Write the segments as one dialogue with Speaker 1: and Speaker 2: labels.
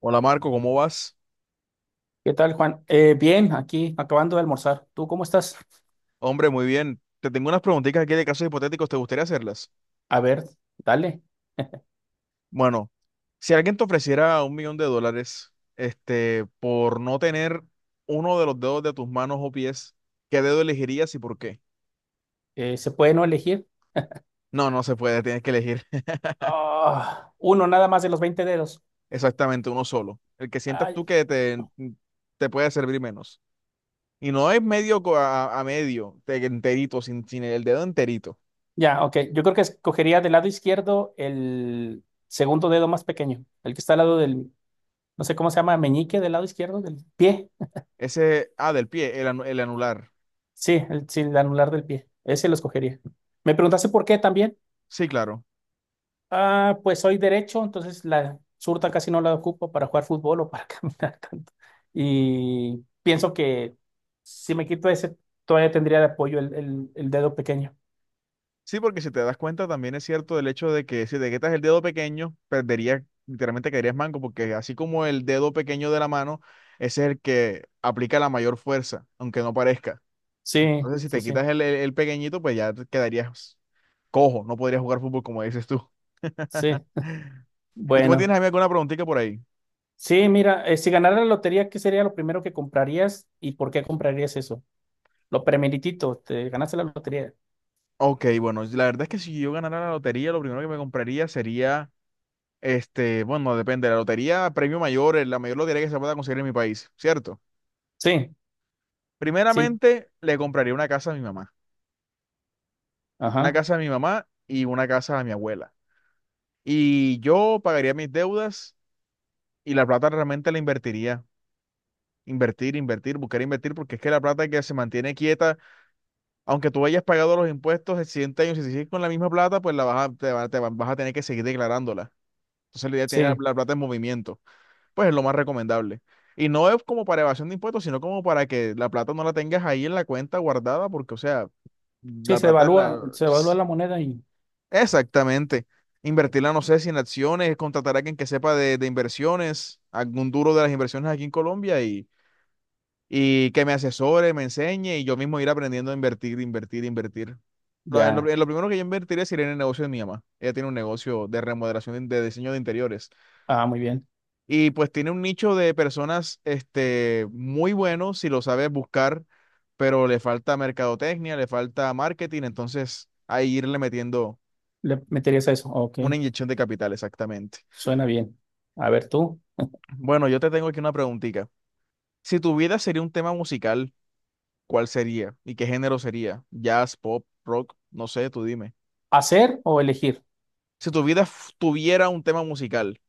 Speaker 1: Hola Marco, ¿cómo vas?
Speaker 2: ¿Qué tal, Juan? Bien, aquí acabando de almorzar. ¿Tú cómo estás?
Speaker 1: Hombre, muy bien. Te tengo unas preguntitas aquí de casos hipotéticos, ¿te gustaría hacerlas?
Speaker 2: A ver, dale.
Speaker 1: Bueno, si alguien te ofreciera un millón de dólares, este, por no tener uno de los dedos de tus manos o pies, ¿qué dedo elegirías y por qué?
Speaker 2: ¿Se puede no elegir?
Speaker 1: No, no se puede, tienes que elegir
Speaker 2: Ah, uno nada más de los 20 dedos.
Speaker 1: exactamente uno solo. El que sientas
Speaker 2: Ay,
Speaker 1: tú que te puede servir menos. Y no es medio a medio, enterito, sin el dedo enterito.
Speaker 2: ya, ok. Yo creo que escogería del lado izquierdo el segundo dedo más pequeño, el que está al lado no sé cómo se llama, meñique del lado izquierdo del pie.
Speaker 1: Ese, ah, del pie, el anular.
Speaker 2: Sí, el anular del pie. Ese lo escogería. ¿Me preguntaste por qué también?
Speaker 1: Sí, claro.
Speaker 2: Ah, pues soy derecho, entonces la surta casi no la ocupo para jugar fútbol o para caminar tanto. Y pienso que si me quito ese, todavía tendría de apoyo el dedo pequeño.
Speaker 1: Sí, porque si te das cuenta, también es cierto el hecho de que si te quitas el dedo pequeño, perderías, literalmente caerías manco, porque así como el dedo pequeño de la mano ese es el que aplica la mayor fuerza, aunque no parezca.
Speaker 2: Sí,
Speaker 1: Entonces, si
Speaker 2: sí,
Speaker 1: te
Speaker 2: sí,
Speaker 1: quitas el pequeñito, pues ya te quedarías cojo, no podrías jugar fútbol como dices tú.
Speaker 2: sí.
Speaker 1: ¿Y tú me tienes
Speaker 2: Bueno,
Speaker 1: a mí alguna preguntita por ahí?
Speaker 2: sí, mira, si ganara la lotería, ¿qué sería lo primero que comprarías y por qué comprarías eso? Lo primeritito, te ganaste la lotería.
Speaker 1: Ok, bueno, la verdad es que si yo ganara la lotería, lo primero que me compraría sería, este, bueno, depende, la lotería, premio mayor, la mayor lotería que se pueda conseguir en mi país, ¿cierto?
Speaker 2: Sí, sí,
Speaker 1: Primeramente, le compraría una casa a mi mamá. Una
Speaker 2: ajá,
Speaker 1: casa a mi mamá y una casa a mi abuela. Y yo pagaría mis deudas y la plata realmente la invertiría. Invertir, invertir, buscar invertir, porque es que la plata que se mantiene quieta, aunque tú hayas pagado los impuestos de siguiente año, si sigues con la misma plata, pues vas a tener que seguir declarándola. Entonces la idea es tener la,
Speaker 2: sí.
Speaker 1: la plata en movimiento. Pues es lo más recomendable. Y no es como para evasión de impuestos, sino como para que la plata no la tengas ahí en la cuenta guardada, porque, o sea,
Speaker 2: Sí,
Speaker 1: la
Speaker 2: se
Speaker 1: plata en
Speaker 2: devalúa,
Speaker 1: la.
Speaker 2: se devalúa la moneda y
Speaker 1: Exactamente. Invertirla, no sé si en acciones, contratar a alguien que sepa de inversiones, algún duro de las inversiones aquí en Colombia y que me asesore, me enseñe y yo mismo ir aprendiendo a invertir, invertir, invertir. Lo, en lo,
Speaker 2: ya.
Speaker 1: en lo primero que yo invertiría sería en el negocio de mi mamá. Ella tiene un negocio de remodelación de diseño de interiores
Speaker 2: Ah, muy bien.
Speaker 1: y pues tiene un nicho de personas muy bueno si lo sabes buscar, pero le falta mercadotecnia, le falta marketing, entonces ahí irle metiendo
Speaker 2: Le meterías a eso, ok.
Speaker 1: una inyección de capital, exactamente.
Speaker 2: Suena bien. A ver tú,
Speaker 1: Bueno, yo te tengo aquí una preguntita. Si tu vida sería un tema musical, ¿cuál sería? ¿Y qué género sería? ¿Jazz, pop, rock? No sé, tú dime.
Speaker 2: ¿hacer o elegir?
Speaker 1: Si tu vida tuviera un tema musical,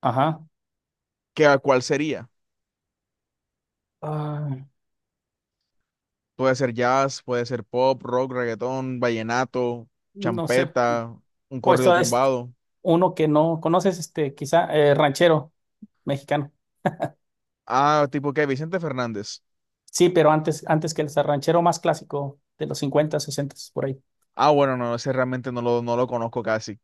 Speaker 2: Ajá.
Speaker 1: cuál sería?
Speaker 2: Ah,
Speaker 1: Puede ser jazz, puede ser pop, rock, reggaetón, vallenato,
Speaker 2: no sé,
Speaker 1: champeta, un
Speaker 2: pues
Speaker 1: corrido
Speaker 2: todo es
Speaker 1: tumbado.
Speaker 2: uno que no conoces, este, quizá ranchero mexicano.
Speaker 1: Ah, tipo qué, Vicente Fernández.
Speaker 2: Sí, pero antes que el ranchero más clásico de los 50, 60, por ahí.
Speaker 1: Ah, bueno, no, ese realmente no lo conozco casi.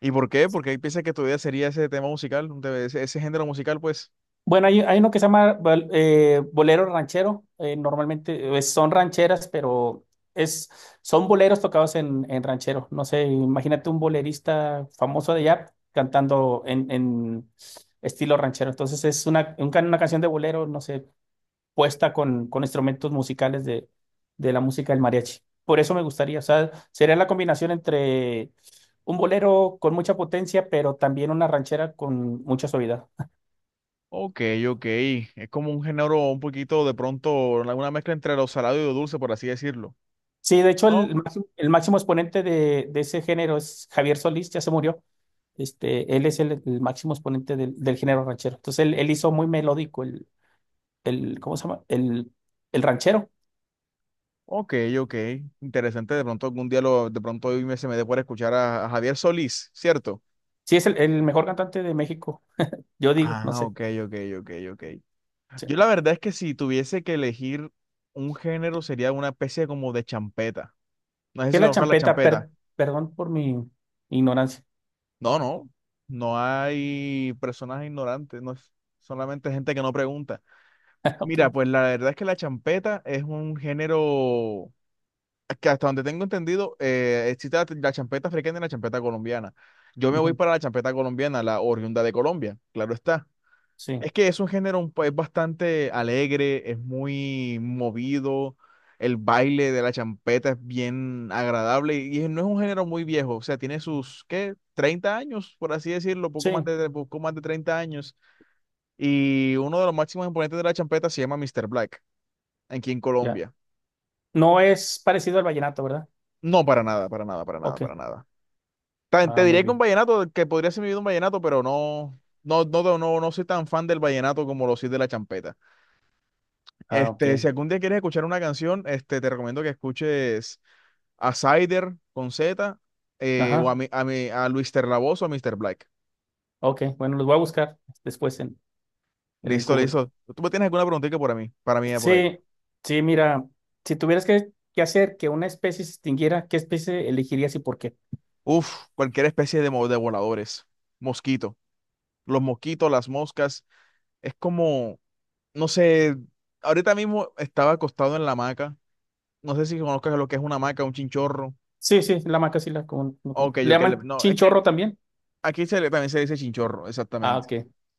Speaker 1: ¿Y por qué? Porque piensas que tu vida sería ese tema musical, un te- ese ese género musical, pues.
Speaker 2: Bueno, hay uno que se llama bolero ranchero. Normalmente son rancheras, pero es, son boleros tocados en ranchero. No sé, imagínate un bolerista famoso de allá cantando en estilo ranchero. Entonces es una canción de bolero, no sé, puesta con instrumentos musicales de la música del mariachi. Por eso me gustaría, o sea, sería la combinación entre un bolero con mucha potencia, pero también una ranchera con mucha suavidad.
Speaker 1: Ok, ok. Es como un género un poquito de pronto, una mezcla entre lo salado y lo dulce, por así decirlo.
Speaker 2: Sí, de hecho,
Speaker 1: ¿No?
Speaker 2: el máximo exponente de ese género es Javier Solís, ya se murió. Este, él es el máximo exponente del género ranchero. Entonces, él hizo muy melódico el, ¿cómo se llama? El ranchero.
Speaker 1: Ok, ok. Interesante. De pronto algún día de pronto hoy se me dé por escuchar a Javier Solís, ¿cierto?
Speaker 2: Sí, es el mejor cantante de México, yo digo, no
Speaker 1: Ah,
Speaker 2: sé.
Speaker 1: ok, ok, ok, ok. Yo la
Speaker 2: Sí.
Speaker 1: verdad es que si tuviese que elegir un género sería una especie como de champeta. No sé
Speaker 2: ¿Qué
Speaker 1: si
Speaker 2: es la
Speaker 1: conozcas la
Speaker 2: champeta?
Speaker 1: champeta.
Speaker 2: Perdón por mi ignorancia.
Speaker 1: No, no. No hay personas ignorantes, no es solamente gente que no pregunta.
Speaker 2: Ok.
Speaker 1: Mira, pues la verdad es que la champeta es un género que hasta donde tengo entendido, existe la champeta africana y la champeta colombiana. Yo me voy
Speaker 2: Ujú.
Speaker 1: para la champeta colombiana, la oriunda de Colombia, claro está.
Speaker 2: Sí,
Speaker 1: Es que es un género es bastante alegre, es muy movido, el baile de la champeta es bien agradable y no es un género muy viejo, o sea, tiene sus, ¿qué? 30 años, por así decirlo, poco
Speaker 2: sí,
Speaker 1: más de, poco más de 30 años. Y uno de los máximos exponentes de la champeta se llama Mr. Black aquí en
Speaker 2: ya.
Speaker 1: Colombia.
Speaker 2: No es parecido al vallenato, ¿verdad?
Speaker 1: No, para nada, para nada, para nada,
Speaker 2: Ok.
Speaker 1: para nada. Te
Speaker 2: Ah, muy
Speaker 1: diré que un
Speaker 2: bien.
Speaker 1: vallenato, que podría ser mi vida un vallenato, pero no, no, no, no, no no soy tan fan del vallenato como lo soy de la champeta.
Speaker 2: Ah, ok.
Speaker 1: Este, si algún día quieres escuchar una canción, este, te recomiendo que escuches a Cider con Z, o a,
Speaker 2: Ajá.
Speaker 1: mi, a, mi, a Luis Terlavoz o a Mr. Black.
Speaker 2: Ok. Bueno, los voy a buscar después en, el
Speaker 1: Listo,
Speaker 2: Google.
Speaker 1: listo. ¿Tú me tienes alguna preguntita para mí, por ahí?
Speaker 2: Sí, sí, mira, si tuvieras que hacer que una especie se extinguiera, ¿qué especie elegirías y por qué?
Speaker 1: Uf, cualquier especie de voladores. Mosquito. Los mosquitos, las moscas. Es como. No sé, ahorita mismo estaba acostado en la hamaca. No sé si conozcas lo que es una hamaca, un chinchorro.
Speaker 2: Sí, sí, la maca sí la no.
Speaker 1: Ok,
Speaker 2: ¿Le llaman
Speaker 1: No, es que
Speaker 2: chinchorro también?
Speaker 1: aquí se le, también se dice chinchorro,
Speaker 2: Ah,
Speaker 1: exactamente.
Speaker 2: ok.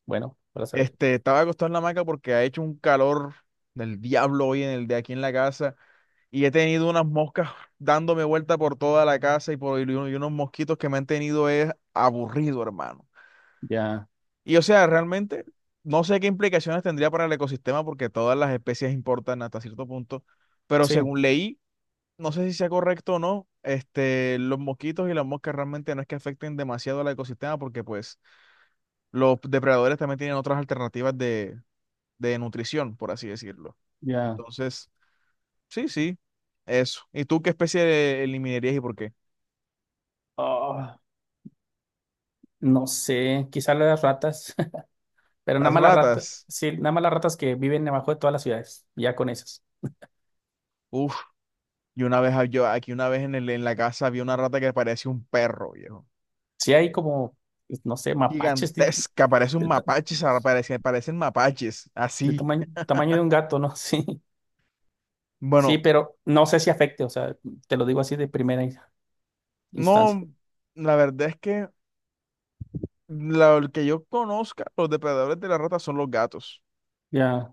Speaker 2: Bueno, para saber.
Speaker 1: Este, estaba acostado en la hamaca porque ha hecho un calor del diablo hoy en el de aquí en la casa y he tenido unas moscas dándome vuelta por toda la casa y unos mosquitos que me han tenido es aburrido, hermano.
Speaker 2: Ya,
Speaker 1: Y o sea, realmente no sé qué implicaciones tendría para el ecosistema porque todas las especies importan hasta cierto punto, pero
Speaker 2: sí,
Speaker 1: según leí no sé si sea correcto o no, este, los mosquitos y las moscas realmente no es que afecten demasiado al ecosistema porque pues los depredadores también tienen otras alternativas de nutrición, por así decirlo.
Speaker 2: ya.
Speaker 1: Entonces, sí, sí, eso. ¿Y tú qué especie eliminarías y por qué?
Speaker 2: Ah, no sé, quizá las ratas, pero nada
Speaker 1: Las
Speaker 2: más las ratas,
Speaker 1: ratas.
Speaker 2: sí, nada más las ratas que viven debajo de todas las ciudades, ya con esas.
Speaker 1: Uf, y una vez yo aquí una vez en la casa vi una rata que parecía un perro, viejo.
Speaker 2: Sí hay como, pues, no sé, mapaches
Speaker 1: Gigantesca, parece un
Speaker 2: del, ta-
Speaker 1: mapache, parecen mapaches,
Speaker 2: del
Speaker 1: así.
Speaker 2: tamaño de un gato, ¿no? Sí, sí,
Speaker 1: Bueno,
Speaker 2: pero no sé si afecte, o sea, te lo digo así de primera instancia.
Speaker 1: no, la verdad es que el que yo conozca, los depredadores de la rata son los gatos.
Speaker 2: Ya.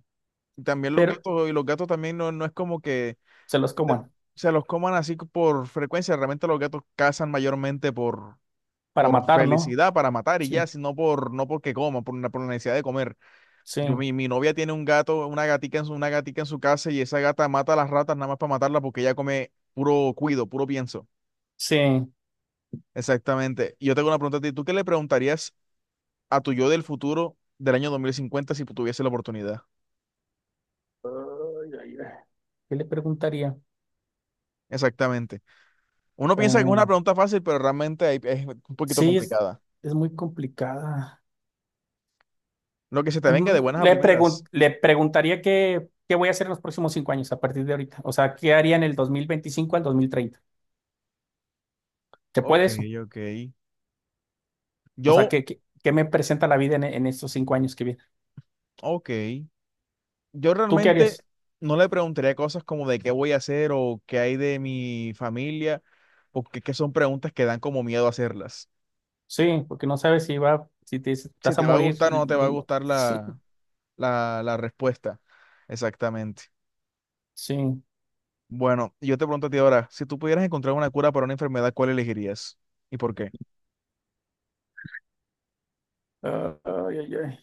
Speaker 1: Y también los
Speaker 2: Pero
Speaker 1: gatos, y los gatos también no, no es como que
Speaker 2: se los
Speaker 1: de-
Speaker 2: coman
Speaker 1: se los coman así por frecuencia. Realmente los gatos cazan mayormente por,
Speaker 2: para
Speaker 1: por
Speaker 2: matar, ¿no?
Speaker 1: felicidad, para matar y ya,
Speaker 2: Sí,
Speaker 1: sino por, no porque coman, por la necesidad de comer.
Speaker 2: sí,
Speaker 1: Mi novia tiene un gato, una gatica en su casa y esa gata mata a las ratas nada más para matarla porque ella come puro cuido, puro pienso.
Speaker 2: sí. Ay,
Speaker 1: Exactamente. Y yo tengo una pregunta a ti. ¿Tú qué le preguntarías a tu yo del futuro del año 2050 si tuviese la oportunidad?
Speaker 2: ay, ay. ¿Qué le preguntaría?
Speaker 1: Exactamente. Uno piensa que es una
Speaker 2: Ah,
Speaker 1: pregunta fácil, pero realmente es un poquito
Speaker 2: sí, es,
Speaker 1: complicada.
Speaker 2: es muy complicada.
Speaker 1: Lo que se te venga de buenas a
Speaker 2: Le pregun-
Speaker 1: primeras.
Speaker 2: le preguntaría qué voy a hacer en los próximos 5 años a partir de ahorita. O sea, ¿qué haría en el 2025 al 2030? ¿Qué puede
Speaker 1: Ok,
Speaker 2: eso?
Speaker 1: ok.
Speaker 2: O sea,
Speaker 1: Yo,
Speaker 2: ¿qué me presenta la vida en estos 5 años que vienen?
Speaker 1: ok. Yo
Speaker 2: ¿Tú qué
Speaker 1: realmente
Speaker 2: harías?
Speaker 1: no le preguntaría cosas como de qué voy a hacer o qué hay de mi familia, porque es que son preguntas que dan como miedo hacerlas.
Speaker 2: Sí, porque no sabes si va, si te,
Speaker 1: Si
Speaker 2: estás a
Speaker 1: te va a
Speaker 2: morir.
Speaker 1: gustar o no te va a gustar la,
Speaker 2: Sí,
Speaker 1: la, la respuesta. Exactamente.
Speaker 2: sí.
Speaker 1: Bueno, yo te pregunto a ti ahora, si tú pudieras encontrar una cura para una enfermedad, ¿cuál elegirías? ¿Y por qué?
Speaker 2: Ay, ay, ay.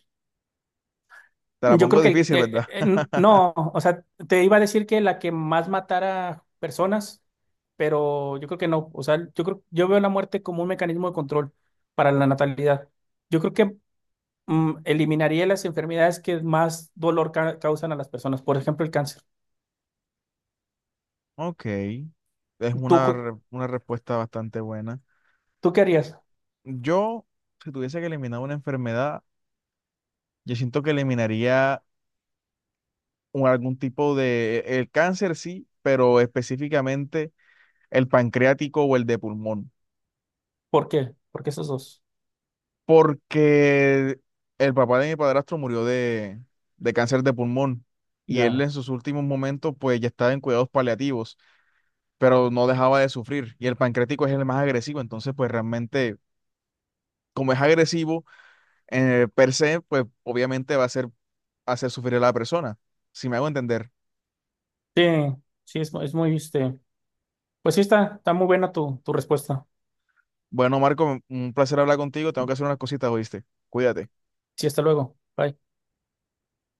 Speaker 1: Te la
Speaker 2: Yo
Speaker 1: pongo
Speaker 2: creo que
Speaker 1: difícil, ¿verdad?
Speaker 2: no, o sea, te iba a decir que la que más matara personas, pero yo creo que no, o sea, yo veo la muerte como un mecanismo de control para la natalidad. Yo creo que eliminaría las enfermedades que más dolor causan a las personas, por ejemplo, el cáncer.
Speaker 1: Ok, es
Speaker 2: ¿Tú,
Speaker 1: una,
Speaker 2: cu-
Speaker 1: re- una respuesta bastante buena.
Speaker 2: tú qué harías?
Speaker 1: Yo, si tuviese que eliminar una enfermedad, yo siento que eliminaría algún tipo de, el cáncer sí, pero específicamente el pancreático o el de pulmón,
Speaker 2: ¿Por qué? Porque esos dos.
Speaker 1: porque el papá de mi padrastro murió de cáncer de pulmón y él en
Speaker 2: Ya.
Speaker 1: sus últimos momentos pues ya estaba en cuidados paliativos, pero no dejaba de sufrir y el pancreático es el más agresivo, entonces pues realmente como es agresivo, per se, pues obviamente va a ser hacer sufrir a la persona, si me hago entender.
Speaker 2: Sí, sí, es muy, este, pues sí está muy buena tu respuesta.
Speaker 1: Bueno, Marco, un placer hablar contigo, tengo que hacer unas cositas, ¿oíste? Cuídate.
Speaker 2: Sí, hasta luego. Bye.